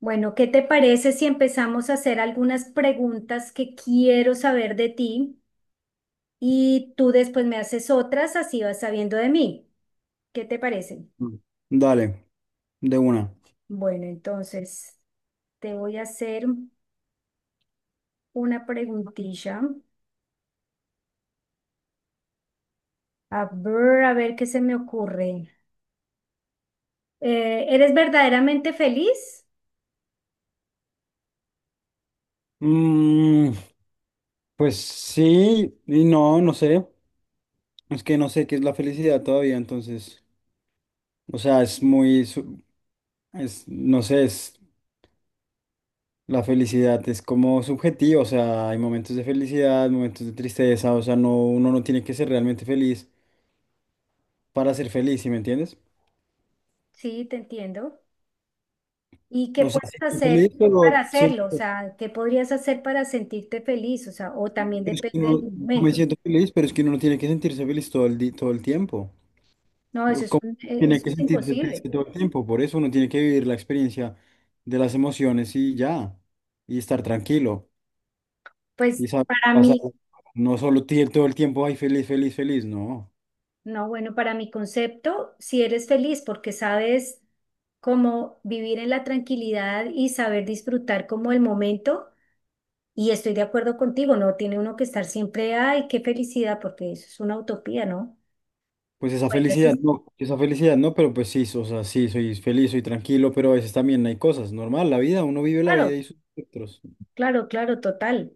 Bueno, ¿qué te parece si empezamos a hacer algunas preguntas que quiero saber de ti y tú después me haces otras, así vas sabiendo de mí? ¿Qué te parece? Mm. Dale, de una. Bueno, entonces te voy a hacer una preguntilla. A ver qué se me ocurre. ¿eres verdaderamente feliz? Mm, pues sí, y no, sé. Es que no sé qué es la felicidad todavía, entonces. O sea, es muy, es, no sé, es, la felicidad es como subjetiva. O sea, hay momentos de felicidad, momentos de tristeza. O sea, no, uno no tiene que ser realmente feliz para ser feliz, ¿sí me entiendes? Sí, te entiendo. ¿Y qué O sea, puedes sí estoy hacer feliz, para pero hacerlo? O siento, sea, ¿qué podrías hacer para sentirte feliz? O sea, o también es que depende del no me momento. siento feliz, pero es que uno no tiene que sentirse feliz todo todo el tiempo. No, eso O es, cómo tiene eso que es sentirse imposible. triste todo el tiempo. Por eso uno tiene que vivir la experiencia de las emociones y ya, y estar tranquilo. Y Pues saber para pasar, mí, no solo todo el tiempo, ay, feliz, feliz, feliz, no. no, bueno, para mi concepto, si eres feliz porque sabes cómo vivir en la tranquilidad y saber disfrutar como el momento, y estoy de acuerdo contigo, no tiene uno que estar siempre, ay, qué felicidad, porque eso es una utopía, ¿no? Pues Bueno, eso es, esa felicidad no, pero pues sí, o sea, sí, soy feliz, soy tranquilo, pero a veces también hay cosas, normal, la vida, uno vive la vida claro, y sus espectros. claro, claro, total.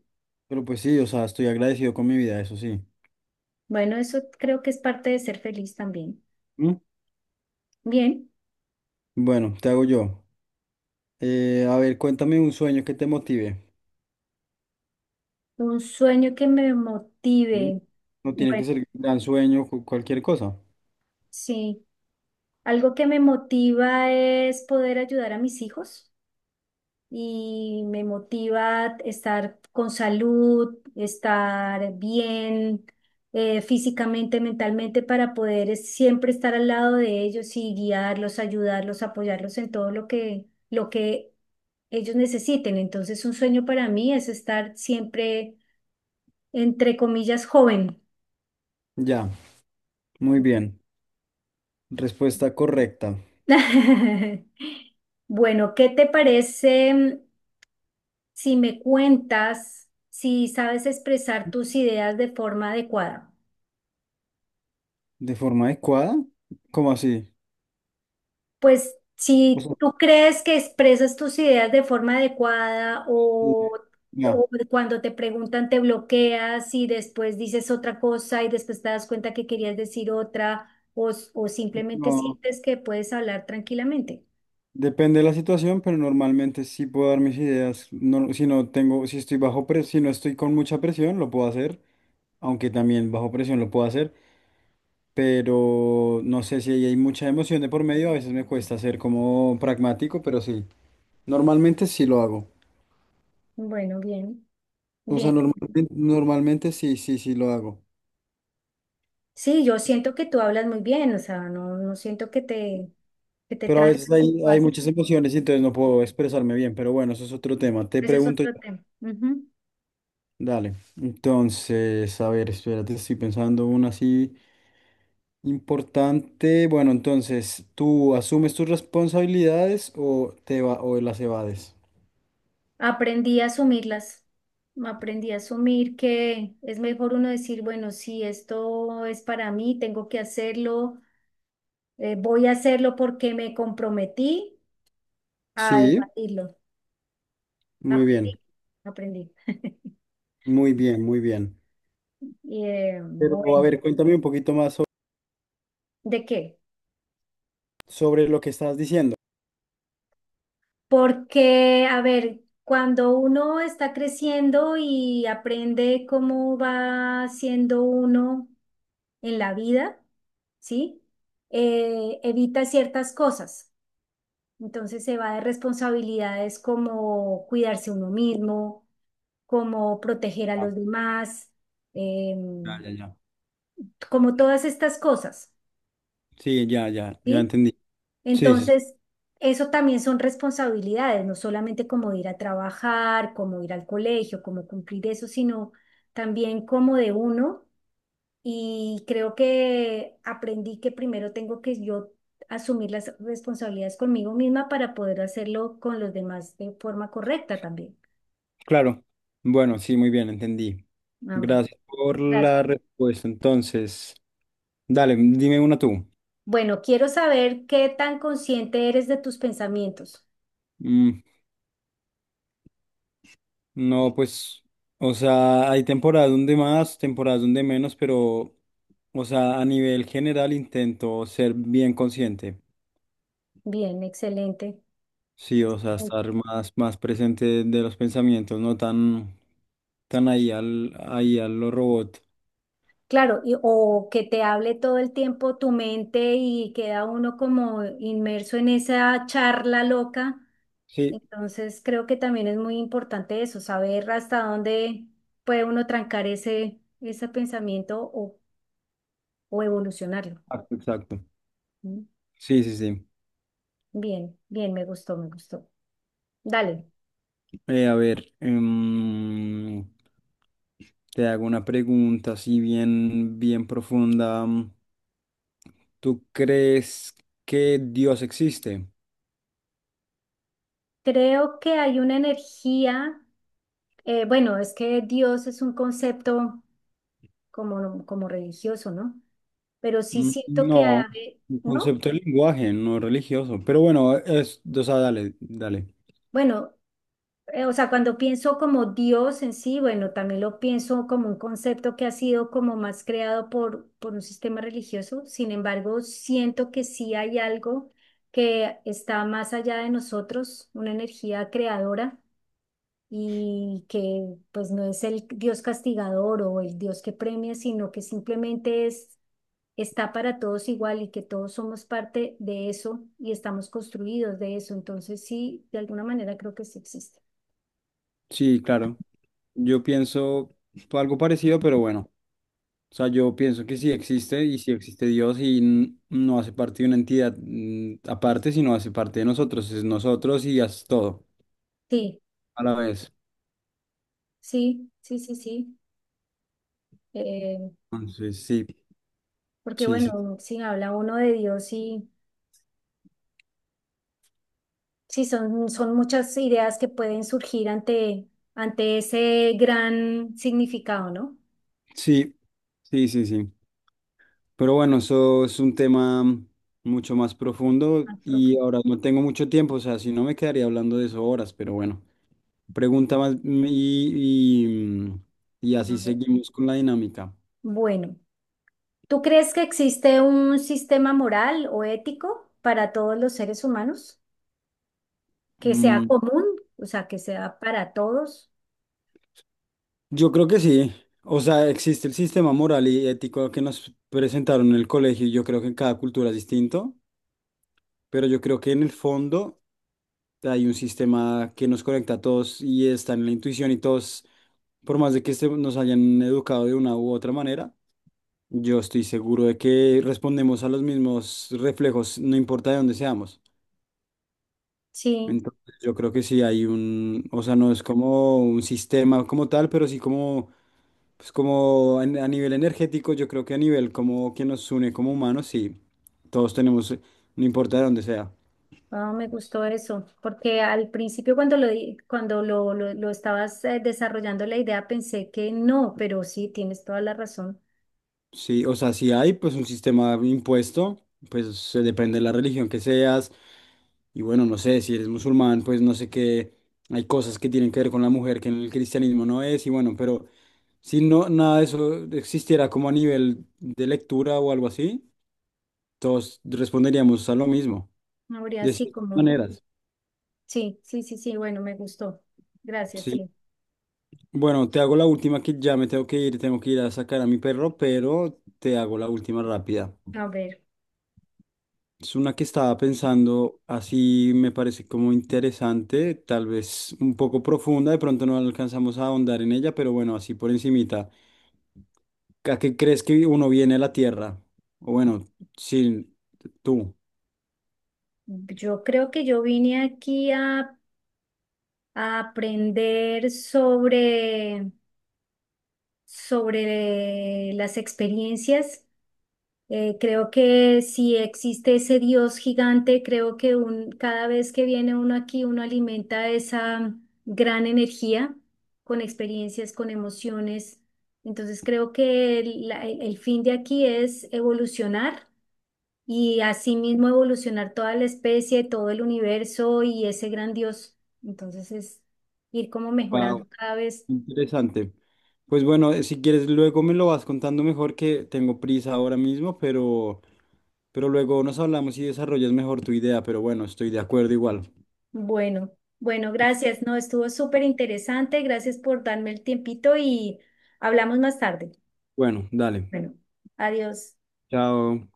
Pero pues sí, o sea, estoy agradecido con mi vida, eso sí. Bueno, eso creo que es parte de ser feliz también. ¿Mm? Bien, Bueno, te hago yo. A ver, cuéntame un sueño que te motive. un sueño que me motive. No tiene que Bueno, ser un gran sueño, cualquier cosa. sí. Algo que me motiva es poder ayudar a mis hijos y me motiva estar con salud, estar bien, físicamente, mentalmente, para poder siempre estar al lado de ellos y guiarlos, ayudarlos, apoyarlos en todo lo que ellos necesiten. Entonces, un sueño para mí es estar siempre, entre comillas, joven. Ya, muy bien. Respuesta correcta. Bueno, ¿qué te parece? Si me cuentas, si sabes expresar tus ideas de forma adecuada. ¿De forma adecuada? ¿Cómo así? Pues O si sea, tú crees que expresas tus ideas de forma adecuada sí, ya. o cuando te preguntan te bloqueas y después dices otra cosa y después te das cuenta que querías decir otra o simplemente No, sientes que puedes hablar tranquilamente. depende de la situación, pero normalmente sí puedo dar mis ideas. No, si no tengo, si estoy bajo presión, si no estoy con mucha presión, lo puedo hacer. Aunque también bajo presión lo puedo hacer. Pero no sé si ahí hay mucha emoción de por medio. A veces me cuesta ser como pragmático, pero sí. Normalmente sí lo hago. Bueno, bien, O sea, bien. normalmente, normalmente sí, sí, sí lo hago. Sí, yo siento que tú hablas muy bien, o sea, no, no siento que te Pero a veces trancas y tú hay haces- muchas emociones y entonces no puedo expresarme bien, pero bueno, eso es otro tema. Te Ese es pregunto otro yo. tema. Ujú. Dale. Entonces, a ver, espérate, estoy pensando una así importante. Bueno, entonces, ¿tú asumes tus responsabilidades o te va o las evades? Aprendí a asumirlas, aprendí a asumir que es mejor uno decir, bueno, si esto es para mí, tengo que hacerlo, voy a hacerlo porque me comprometí a Sí, debatirlo. muy bien, Aprendí, aprendí. muy bien, muy bien. Y Pero a bueno, ver, cuéntame un poquito más ¿de qué? sobre lo que estás diciendo. Porque, a ver, cuando uno está creciendo y aprende cómo va siendo uno en la vida, ¿sí? Evita ciertas cosas. Entonces se va de responsabilidades como cuidarse uno mismo, como proteger a Ah, los demás, ya, em, ya, ya. como todas estas cosas, Sí, ya, ya, ya ¿sí? entendí. Sí, sí. Entonces, eso también son responsabilidades, no solamente como ir a trabajar, como ir al colegio, como cumplir eso, sino también como de uno. Y creo que aprendí que primero tengo que yo asumir las responsabilidades conmigo misma para poder hacerlo con los demás de forma correcta también. Claro. Bueno, sí, muy bien, entendí. Ah, bien. Gracias por Gracias. la respuesta. Entonces, dale, dime una tú. Bueno, quiero saber qué tan consciente eres de tus pensamientos. Mm, no, pues, o sea, hay temporadas donde más, temporadas donde menos, pero, o sea, a nivel general intento ser bien consciente. Bien, excelente. Sí, o sea, Excelente. estar más, más presente de los pensamientos, no tan, tan ahí al, ahí a lo robot. Claro, o que te hable todo el tiempo tu mente y queda uno como inmerso en esa charla loca. Sí, Entonces, creo que también es muy importante eso, saber hasta dónde puede uno trancar ese pensamiento o evolucionarlo. exacto, exacto. ¿Mm? Sí, sí, sí. Bien, bien, me gustó, me gustó. Dale. A ver, te hago una pregunta así bien, bien profunda. ¿Tú crees que Dios existe? Creo que hay una energía. Bueno, es que Dios es un concepto como, como religioso, ¿no? Pero sí Mm, siento que, no, un ¿no? concepto de lenguaje, no religioso. Pero bueno, es, o sea, dale, dale. Bueno, o sea, cuando pienso como Dios en sí, bueno, también lo pienso como un concepto que ha sido como más creado por un sistema religioso. Sin embargo, siento que sí hay algo que está más allá de nosotros, una energía creadora y que pues no es el Dios castigador o el Dios que premia, sino que simplemente es está para todos igual y que todos somos parte de eso y estamos construidos de eso. Entonces, sí, de alguna manera creo que sí existe. Sí, claro. Yo pienso algo parecido, pero bueno. O sea, yo pienso que sí existe y sí existe Dios y no hace parte de una entidad aparte, sino hace parte de nosotros. Es nosotros y es todo Sí, a la vez. sí, sí, sí, sí. Eh, Entonces, sí, Porque sí, sí, bueno, si habla uno de Dios y sí, son, son muchas ideas que pueden surgir ante, ante ese gran significado, ¿no? sí, sí, sí, sí. Pero bueno, eso es un tema mucho más profundo Ah, y profundo. ahora no tengo mucho tiempo, o sea, si no me quedaría hablando de eso horas, pero bueno, pregunta más y, y A así ver. seguimos con la dinámica. Bueno, ¿tú crees que existe un sistema moral o ético para todos los seres humanos? Que sea Mm, común, o sea, que sea para todos. yo creo que sí, o sea, existe el sistema moral y ético que nos presentaron en el colegio y yo creo que en cada cultura es distinto. Pero yo creo que en el fondo hay un sistema que nos conecta a todos y está en la intuición y todos, por más de que nos hayan educado de una u otra manera, yo estoy seguro de que respondemos a los mismos reflejos, no importa de dónde seamos. Sí, Entonces yo creo que sí hay un, o sea, no es como un sistema como tal, pero sí como, pues como a nivel energético, yo creo que a nivel como que nos une como humanos, sí, todos tenemos, no importa de dónde sea. ah, me gustó eso, porque al principio cuando cuando lo estabas desarrollando la idea pensé que no, pero sí, tienes toda la razón. Sí, o sea, si hay pues un sistema impuesto, pues se depende de la religión que seas. Y bueno, no sé, si eres musulmán, pues no sé qué, hay cosas que tienen que ver con la mujer que en el cristianismo no es. Y bueno, pero si no, nada de eso existiera como a nivel de lectura o algo así, todos responderíamos a lo mismo, No habría de así ciertas como, maneras. sí, sí, sí, sí, bueno, me gustó. Gracias, Sí. sí. Bueno, te hago la última que ya me tengo que ir a sacar a mi perro, pero te hago la última rápida. A ver, Es una que estaba pensando, así me parece como interesante, tal vez un poco profunda, de pronto no alcanzamos a ahondar en ella, pero bueno, así por encimita. ¿A qué crees que uno viene a la Tierra? O bueno, sí, tú. yo creo que yo vine aquí a aprender sobre, sobre las experiencias. Creo que si existe ese Dios gigante, creo que cada vez que viene uno aquí, uno alimenta esa gran energía con experiencias, con emociones. Entonces creo que el fin de aquí es evolucionar y asimismo evolucionar toda la especie, todo el universo y ese gran Dios. Entonces es ir como Wow, mejorando cada vez. interesante. Pues bueno, si quieres luego me lo vas contando mejor que tengo prisa ahora mismo, pero luego nos hablamos y desarrollas mejor tu idea, pero bueno, estoy de acuerdo igual. Bueno, bueno, gracias. No, estuvo súper interesante. Gracias por darme el tiempito y hablamos más tarde. Bueno, dale. Bueno, adiós. Chao.